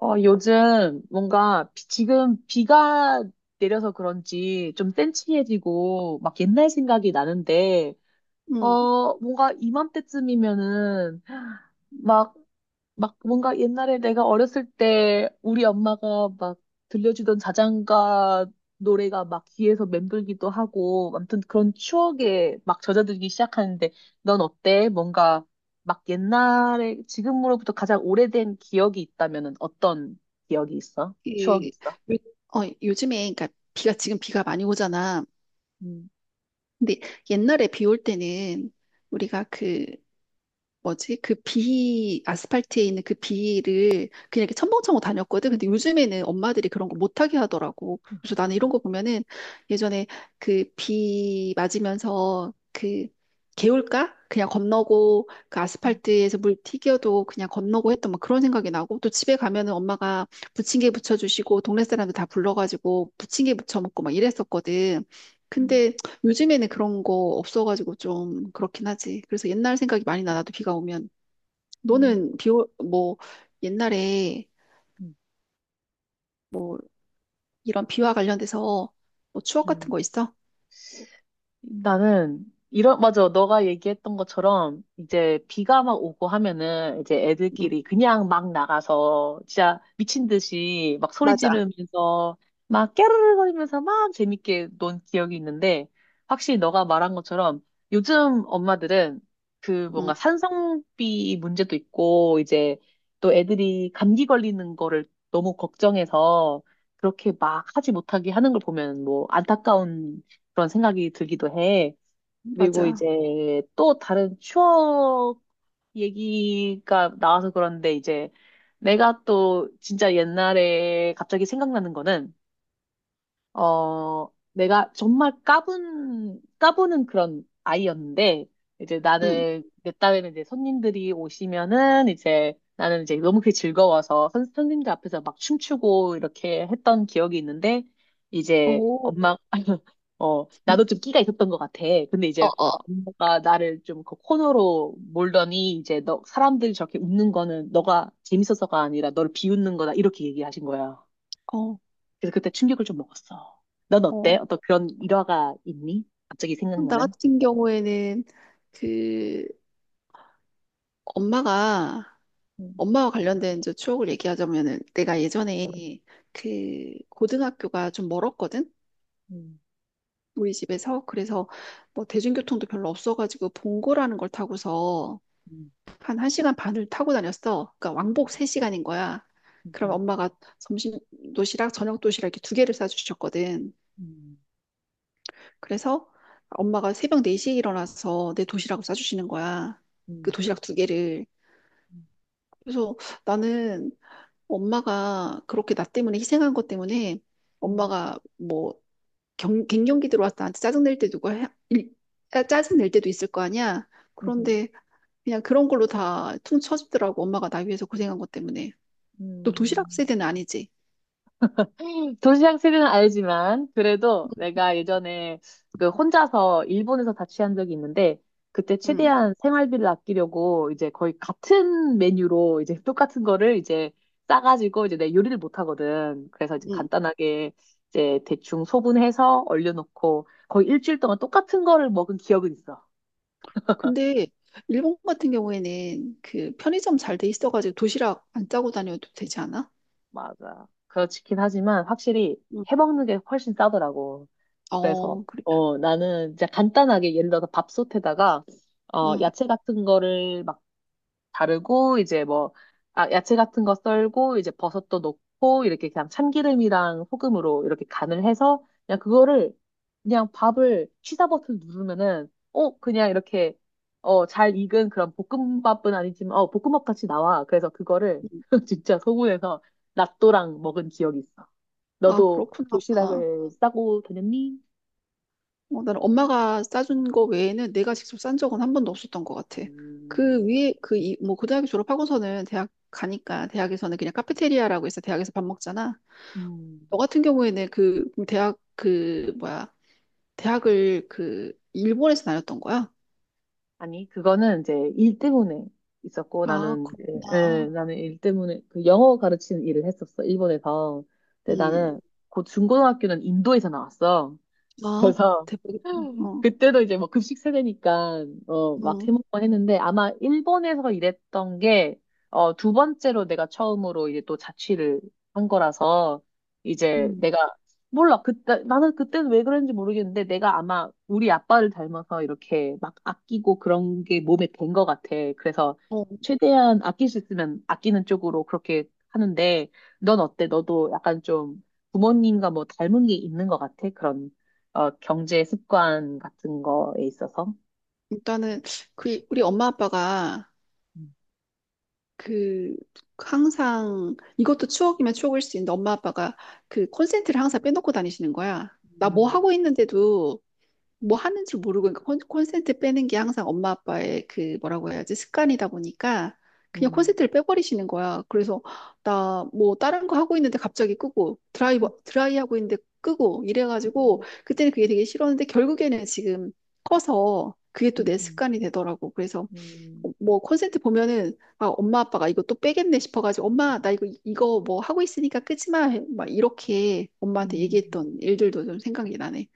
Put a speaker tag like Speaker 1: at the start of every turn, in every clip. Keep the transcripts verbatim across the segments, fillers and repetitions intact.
Speaker 1: 어, 요즘 뭔가 비- 지금 비가 내려서 그런지 좀 센치해지고 막 옛날 생각이 나는데,
Speaker 2: 음,
Speaker 1: 어, 뭔가 이맘때쯤이면은 막 막 뭔가 옛날에 내가 어렸을 때 우리 엄마가 막 들려주던 자장가 노래가 막 귀에서 맴돌기도 하고 아무튼 그런 추억에 막 젖어들기 시작하는데 넌 어때? 뭔가 막 옛날에 지금으로부터 가장 오래된 기억이 있다면은 어떤 기억이 있어? 추억이
Speaker 2: 이,
Speaker 1: 있어?
Speaker 2: 요, 어, 요즘에, 그러니까 비가, 지금 비가 많이 오잖아.
Speaker 1: 음,
Speaker 2: 근데 옛날에 비 올 때는 우리가 그 뭐지? 그 비, 아스팔트에 있는 그 비를 그냥 이렇게 첨벙첨벙 다녔거든. 근데 요즘에는 엄마들이 그런 거 못하게 하더라고. 그래서 나는 이런
Speaker 1: 음,
Speaker 2: 거 보면은 예전에 그 비 맞으면서 그 개울가? 그냥 건너고 그
Speaker 1: 음,
Speaker 2: 아스팔트에서 물 튀겨도 그냥 건너고 했던 뭐 그런 생각이 나고, 또 집에 가면은 엄마가 부침개 부쳐주시고 동네 사람들 다 불러가지고 부침개 부쳐 먹고 막 이랬었거든. 근데 요즘에는 그런 거 없어가지고 좀 그렇긴 하지. 그래서 옛날 생각이 많이 나, 나도 비가 오면.
Speaker 1: 음,
Speaker 2: 너는 비, 오, 뭐, 옛날에
Speaker 1: 음.
Speaker 2: 이런 비와 관련돼서 뭐 추억 같은
Speaker 1: 음,
Speaker 2: 거 있어?
Speaker 1: 나는 이런 맞아 너가 얘기했던 것처럼 이제 비가 막 오고 하면은 이제
Speaker 2: 응,
Speaker 1: 애들끼리 그냥 막 나가서 진짜 미친 듯이 막 소리
Speaker 2: 맞아.
Speaker 1: 지르면서 막 깨르르거리면서 막 재밌게 논 기억이 있는데 확실히 너가 말한 것처럼 요즘 엄마들은 그 뭔가
Speaker 2: 응,
Speaker 1: 산성비 문제도 있고 이제 또 애들이 감기 걸리는 거를 너무 걱정해서 그렇게 막 하지 못하게 하는 걸 보면 뭐 안타까운 그런 생각이 들기도 해. 그리고
Speaker 2: 맞아.
Speaker 1: 이제 또 다른 추억 얘기가 나와서 그런데 이제 내가 또 진짜 옛날에 갑자기 생각나는 거는 어, 내가 정말 까분, 까부는 그런 아이였는데, 이제
Speaker 2: 응.
Speaker 1: 나는, 내 딸에는 이제 손님들이 오시면은 이제 나는 이제 너무 그게 즐거워서 선, 선생님들 앞에서 막 춤추고 이렇게 했던 기억이 있는데, 이제
Speaker 2: 오,
Speaker 1: 엄마, 어, 나도 좀 끼가 있었던 것 같아. 근데
Speaker 2: 어,
Speaker 1: 이제
Speaker 2: 어.
Speaker 1: 엄마가 나를 좀 그 코너로 몰더니 이제 너, 사람들이 저렇게 웃는 거는 너가 재밌어서가 아니라 너를 비웃는 거다. 이렇게 얘기하신 거야.
Speaker 2: 어,
Speaker 1: 그래서 그때 충격을 좀 먹었어. 넌 어때?
Speaker 2: 어.
Speaker 1: 어떤 그런 일화가 있니? 갑자기
Speaker 2: 나
Speaker 1: 생각나는?
Speaker 2: 같은 경우에는 그 엄마가,
Speaker 1: 음,
Speaker 2: 엄마와 관련된 저 추억을 얘기하자면은, 내가 예전에 그 고등학교가 좀 멀었거든?
Speaker 1: 음,
Speaker 2: 우리 집에서. 그래서 뭐 대중교통도 별로 없어가지고 봉고라는 걸 타고서
Speaker 1: 음,
Speaker 2: 한 1시간 반을 타고 다녔어. 그러니까 왕복 세 시간인 거야. 그럼
Speaker 1: 음,
Speaker 2: 엄마가 점심 도시락, 저녁 도시락 이렇게 두 개를 싸주셨거든.
Speaker 1: 음,
Speaker 2: 그래서 엄마가 새벽 네 시에 일어나서 내 도시락을 싸주시는 거야. 그
Speaker 1: 음,
Speaker 2: 도시락 두 개를. 그래서 나는, 엄마가 그렇게 나 때문에 희생한 것 때문에,
Speaker 1: 음,
Speaker 2: 엄마가 뭐 경, 갱년기 들어와서 나한테 짜증낼 때, 누가 해, 일- 짜- 짜증낼 때도 있을 거 아니야.
Speaker 1: 음, 음,
Speaker 2: 그런데 그냥 그런 걸로 다 퉁쳐주더라고. 엄마가 나 위해서 고생한 것 때문에. 또 도시락
Speaker 1: 음.
Speaker 2: 세대는 아니지.
Speaker 1: 도시락 스릴은 알지만 그래도 내가 예전에 그 혼자서 일본에서 자취한 적이 있는데 그때
Speaker 2: 응,
Speaker 1: 최대한 생활비를 아끼려고 이제 거의 같은 메뉴로 이제 똑같은 거를 이제 싸가지고 이제 내 요리를 못 하거든. 그래서 이제
Speaker 2: 응.
Speaker 1: 간단하게 이제 대충 소분해서 얼려놓고 거의 일주일 동안 똑같은 거를 먹은 기억은 있어.
Speaker 2: 근데 일본 같은 경우에는 그 편의점 잘 돼 있어가지고 도시락 안 짜고 다녀도 되지 않아?
Speaker 1: 맞아. 그렇긴 하지만 확실히
Speaker 2: 응.
Speaker 1: 해먹는 게 훨씬 싸더라고. 그래서
Speaker 2: 어, 그래.
Speaker 1: 어 나는 이제 간단하게 예를 들어서 밥솥에다가 어
Speaker 2: 응.
Speaker 1: 야채 같은 거를 막 자르고 이제 뭐 아, 야채 같은 거 썰고 이제 버섯도 넣고 이렇게 그냥 참기름이랑 소금으로 이렇게 간을 해서 그냥 그거를 그냥 밥을 취사 버튼 누르면은 어 그냥 이렇게 어 잘 익은 그런 볶음밥은 아니지만 어 볶음밥 같이 나와. 그래서 그거를
Speaker 2: 응.
Speaker 1: 진짜 소문에서 낫또랑 먹은 기억이 있어.
Speaker 2: 아,
Speaker 1: 너도
Speaker 2: 그렇구나.
Speaker 1: 도시락을 싸고 다녔니?
Speaker 2: 어, 나는 엄마가 싸준 거 외에는 내가 직접 싼 적은 한 번도 없었던 것 같아. 그
Speaker 1: 음,
Speaker 2: 위에, 그, 이, 뭐, 고등학교 졸업하고서는 대학 가니까, 대학에서는 그냥 카페테리아라고 해서 대학에서 밥 먹잖아.
Speaker 1: 음.
Speaker 2: 너 같은 경우에는 그, 대학, 그, 뭐야, 대학을 그, 일본에서 다녔던 거야?
Speaker 1: 아니, 그거는 이제 일 때문에 있었고,
Speaker 2: 아,
Speaker 1: 나는 이제, 예,
Speaker 2: 그렇구나.
Speaker 1: 나는 일 때문에 그 영어 가르치는 일을 했었어, 일본에서. 근데
Speaker 2: 음,
Speaker 1: 나는 고 중고등학교는 인도에서 나왔어.
Speaker 2: 아,
Speaker 1: 그래서
Speaker 2: 대박이다. 어,
Speaker 1: 그때도 이제 뭐 급식 세대니까 어 막
Speaker 2: 음,
Speaker 1: 해먹고 했는데 아마 일본에서 일했던 게 어 두 번째로 내가 처음으로 이제 또 자취를 한 거라서 이제
Speaker 2: 음.
Speaker 1: 내가 몰라 그때 나는 그때는 왜 그랬는지 모르겠는데 내가 아마 우리 아빠를 닮아서 이렇게 막 아끼고 그런 게 몸에 밴 것 같아. 그래서
Speaker 2: 어,
Speaker 1: 최대한 아낄 수 있으면 아끼는 쪽으로 그렇게 하는데 넌 어때? 너도 약간 좀 부모님과 뭐 닮은 게 있는 것 같아? 그런 어, 경제 습관 같은 거에 있어서.
Speaker 2: 일단은, 그, 우리 엄마 아빠가,
Speaker 1: 음,
Speaker 2: 그 항상 이것도 추억이면 추억일 수 있는데, 엄마 아빠가 그 콘센트를 항상 빼놓고 다니시는 거야. 나 뭐 하고 있는데도 뭐 하는 줄 모르고, 그러니까 콘, 콘센트 빼는 게 항상 엄마 아빠의 그 뭐라고 해야지, 습관이다 보니까 그냥
Speaker 1: 음,
Speaker 2: 콘센트를 빼버리시는 거야. 그래서 나 뭐 다른 거 하고 있는데 갑자기 끄고, 드라이
Speaker 1: 음,
Speaker 2: 드라이 하고 있는데 끄고 이래가지고, 그때는 그게 되게 싫었는데 결국에는 지금 커서 그게 또
Speaker 1: 음,
Speaker 2: 내
Speaker 1: 음,
Speaker 2: 습관이 되더라고. 그래서
Speaker 1: 음,
Speaker 2: 뭐 콘센트 보면은 아, 엄마 아빠가 이거 또 빼겠네 싶어가지고, 엄마 나 이거 이거 뭐 하고 있으니까 끄지마, 막 이렇게 엄마한테
Speaker 1: 음.
Speaker 2: 얘기했던 일들도 좀 생각이 나네.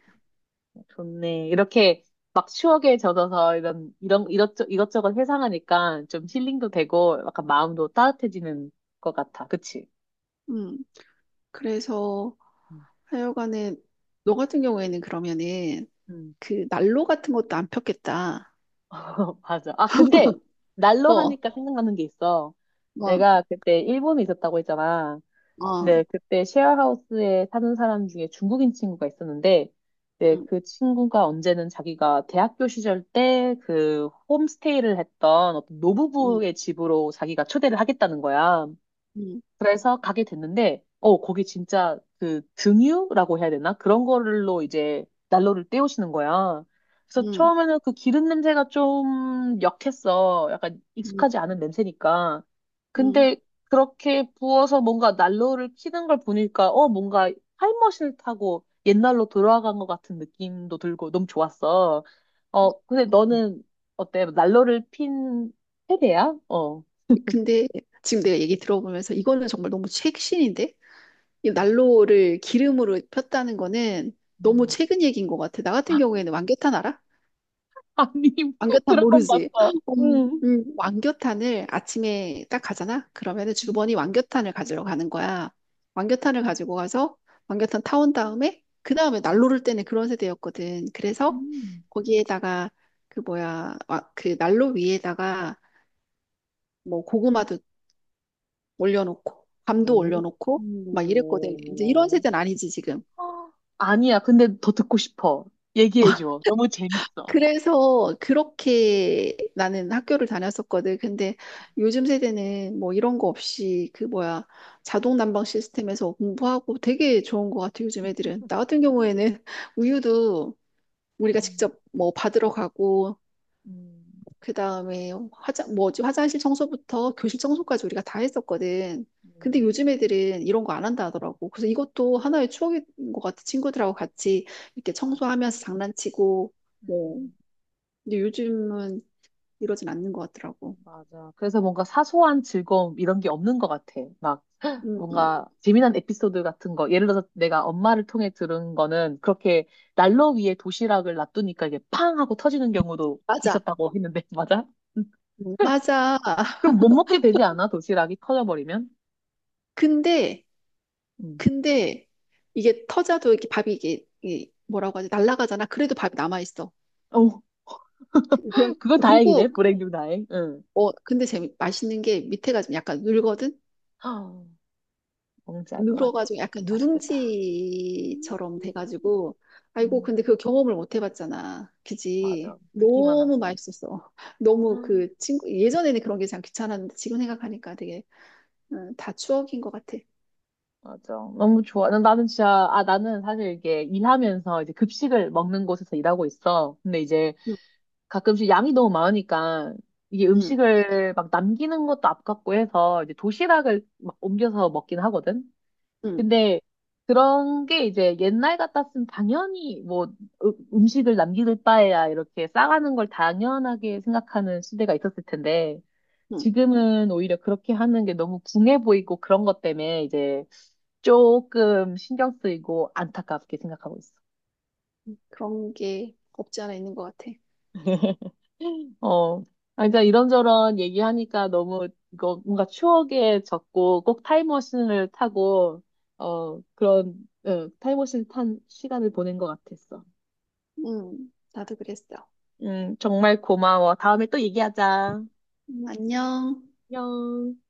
Speaker 1: 좋네. 이렇게 막 추억에 젖어서 이런, 이런, 이것저, 이것저것 회상하니까 좀 힐링도 되고 약간 마음도 따뜻해지는 것 같아. 그치?
Speaker 2: 음 그래서
Speaker 1: 음.
Speaker 2: 하여간에, 너 같은 경우에는 그러면은
Speaker 1: 음.
Speaker 2: 그 난로 같은 것도 안 폈겠다.
Speaker 1: 맞아. 아, 근데 날로
Speaker 2: 어,
Speaker 1: 하니까 생각나는 게 있어.
Speaker 2: 막,
Speaker 1: 내가 그때 일본에 있었다고 했잖아.
Speaker 2: 어,
Speaker 1: 네, 그때 쉐어하우스에 사는 사람 중에 중국인 친구가 있었는데, 네,
Speaker 2: 음,
Speaker 1: 그 친구가 언제는 자기가 대학교 시절 때 그 홈스테이를 했던 어떤
Speaker 2: 음,
Speaker 1: 노부부의 집으로 자기가 초대를 하겠다는 거야.
Speaker 2: 음,
Speaker 1: 그래서 가게 됐는데, 어, 거기 진짜 그 등유라고 해야 되나? 그런 거로 이제 난로를 때우시는 거야. 그래서
Speaker 2: 음,
Speaker 1: 처음에는 그 기름 냄새가 좀 역했어. 약간
Speaker 2: 음,
Speaker 1: 익숙하지 않은 냄새니까.
Speaker 2: 음.
Speaker 1: 근데 그렇게 부어서 뭔가 난로를 켜는 걸 보니까, 어, 뭔가 타임머신을 타고 옛날로 돌아간 것 같은 느낌도 들고 너무 좋았어. 어, 근데
Speaker 2: 음.
Speaker 1: 너는 어때? 난로를 핀 세대야? 어.
Speaker 2: 근데 지금 내가 얘기 들어보면서, 이거는 정말 너무 최신인데? 이 난로를 기름으로 폈다는 거는 너무
Speaker 1: 음.
Speaker 2: 최근 얘기인 것 같아. 나 같은 경우에는 왕겨탄 알아?
Speaker 1: 아니, 드
Speaker 2: 왕겨탄
Speaker 1: 라마
Speaker 2: 모르지?
Speaker 1: 봤어.
Speaker 2: 음,
Speaker 1: 응.
Speaker 2: 음, 왕겨탄을 아침에 딱 가잖아? 그러면은 주번이 왕겨탄을 가지러 가는 거야. 왕겨탄을 가지고 가서 왕겨탄 타온 다음에, 그 다음에 난로를 때는 그런 세대였거든. 그래서
Speaker 1: 음.
Speaker 2: 거기에다가 그 뭐야, 와- 그 난로 위에다가 뭐 고구마도 올려놓고 밤도
Speaker 1: 오.
Speaker 2: 올려놓고 막 이랬거든. 이제 이런 세대는 아니지 지금.
Speaker 1: 아, 아니야, 근데 더 듣고 싶어. 얘기해줘. 너무 재밌어.
Speaker 2: 그래서 그렇게 나는 학교를 다녔었거든. 근데 요즘 세대는 뭐 이런 거 없이 그 뭐야, 자동 난방 시스템에서 공부하고, 되게 좋은 것 같아, 요즘 애들은. 나 같은 경우에는 우유도 우리가
Speaker 1: 음,
Speaker 2: 직접 뭐 받으러 가고,
Speaker 1: 음,
Speaker 2: 그 다음에 화장 뭐지, 화장실 청소부터 교실 청소까지 우리가 다 했었거든. 근데
Speaker 1: 음,
Speaker 2: 요즘 애들은 이런 거 안 한다 하더라고. 그래서 이것도 하나의 추억인 것 같아. 친구들하고 같이 이렇게
Speaker 1: 맞아.
Speaker 2: 청소하면서 장난치고 뭐.
Speaker 1: 음,
Speaker 2: 근데 요즘은 이러진 않는 것 같더라고.
Speaker 1: 맞아. 그래서 뭔가 사소한 즐거움 이런 게 없는 것 같아. 막
Speaker 2: 음,
Speaker 1: 뭔가 재미난 에피소드 같은 거. 예를 들어서 내가 엄마를 통해 들은 거는 그렇게 난로 위에 도시락을 놔두니까 이게 팡 하고 터지는 경우도
Speaker 2: 맞아.
Speaker 1: 있었다고 했는데, 맞아?
Speaker 2: 음, 맞아.
Speaker 1: 그럼 못 먹게 되지 않아? 도시락이 터져버리면?
Speaker 2: 근데
Speaker 1: 응.
Speaker 2: 근데 이게 터져도, 이게 밥이 이게, 이게 뭐라고 하지? 날아가잖아. 그래도 밥이 남아 있어.
Speaker 1: 어,
Speaker 2: 그런
Speaker 1: 그건
Speaker 2: 그리고
Speaker 1: 다행이네. 불행 중 다행. 응.
Speaker 2: 어 근데 재미 맛있는 게 밑에가 좀 약간 눌거든.
Speaker 1: 아, 뭔지 알 것 같아.
Speaker 2: 눌어가지고 약간
Speaker 1: 맛있겠다. 음,
Speaker 2: 누룽지처럼 돼가지고. 아이고,
Speaker 1: 음,
Speaker 2: 근데 그 경험을 못 해봤잖아. 그지?
Speaker 1: 맞아. 듣기만
Speaker 2: 너무
Speaker 1: 하고.
Speaker 2: 맛있었어. 너무
Speaker 1: 음,
Speaker 2: 그 친구 예전에는 그런 게 참 귀찮았는데 지금 생각하니까 되게. 음, 다 추억인 것 같아.
Speaker 1: 맞아. 너무 좋아. 난- 나는 진짜, 아, 나는 사실 이게 일하면서 이제 급식을 먹는 곳에서 일하고 있어. 근데 이제
Speaker 2: 응,
Speaker 1: 가끔씩 양이 너무 많으니까 이게
Speaker 2: 응.
Speaker 1: 음식을 막 남기는 것도 아깝고 해서 이제 도시락을 막 옮겨서 먹긴 하거든.
Speaker 2: 응,
Speaker 1: 근데 그런 게 이제 옛날 같았으면 당연히 뭐 으- 음식을 남길 바에야 이렇게 싸가는 걸 당연하게 생각하는 시대가 있었을 텐데
Speaker 2: 응.
Speaker 1: 지금은 오히려 그렇게 하는 게 너무 궁해 보이고 그런 것 때문에 이제 조금 신경 쓰이고 안타깝게 생각하고 있어.
Speaker 2: 그런 게 없지 않아 있는 것 같아.
Speaker 1: 어, 아, 이제 이런저런 얘기하니까 너무 이거 뭔가 추억에 젖고 꼭 타임머신을 타고 어 그런 어, 타임머신 탄 시간을 보낸 것 같았어.
Speaker 2: 응, 나도 그랬어.
Speaker 1: 음, 정말 고마워. 다음에 또 얘기하자.
Speaker 2: 음, 안녕.
Speaker 1: 안녕.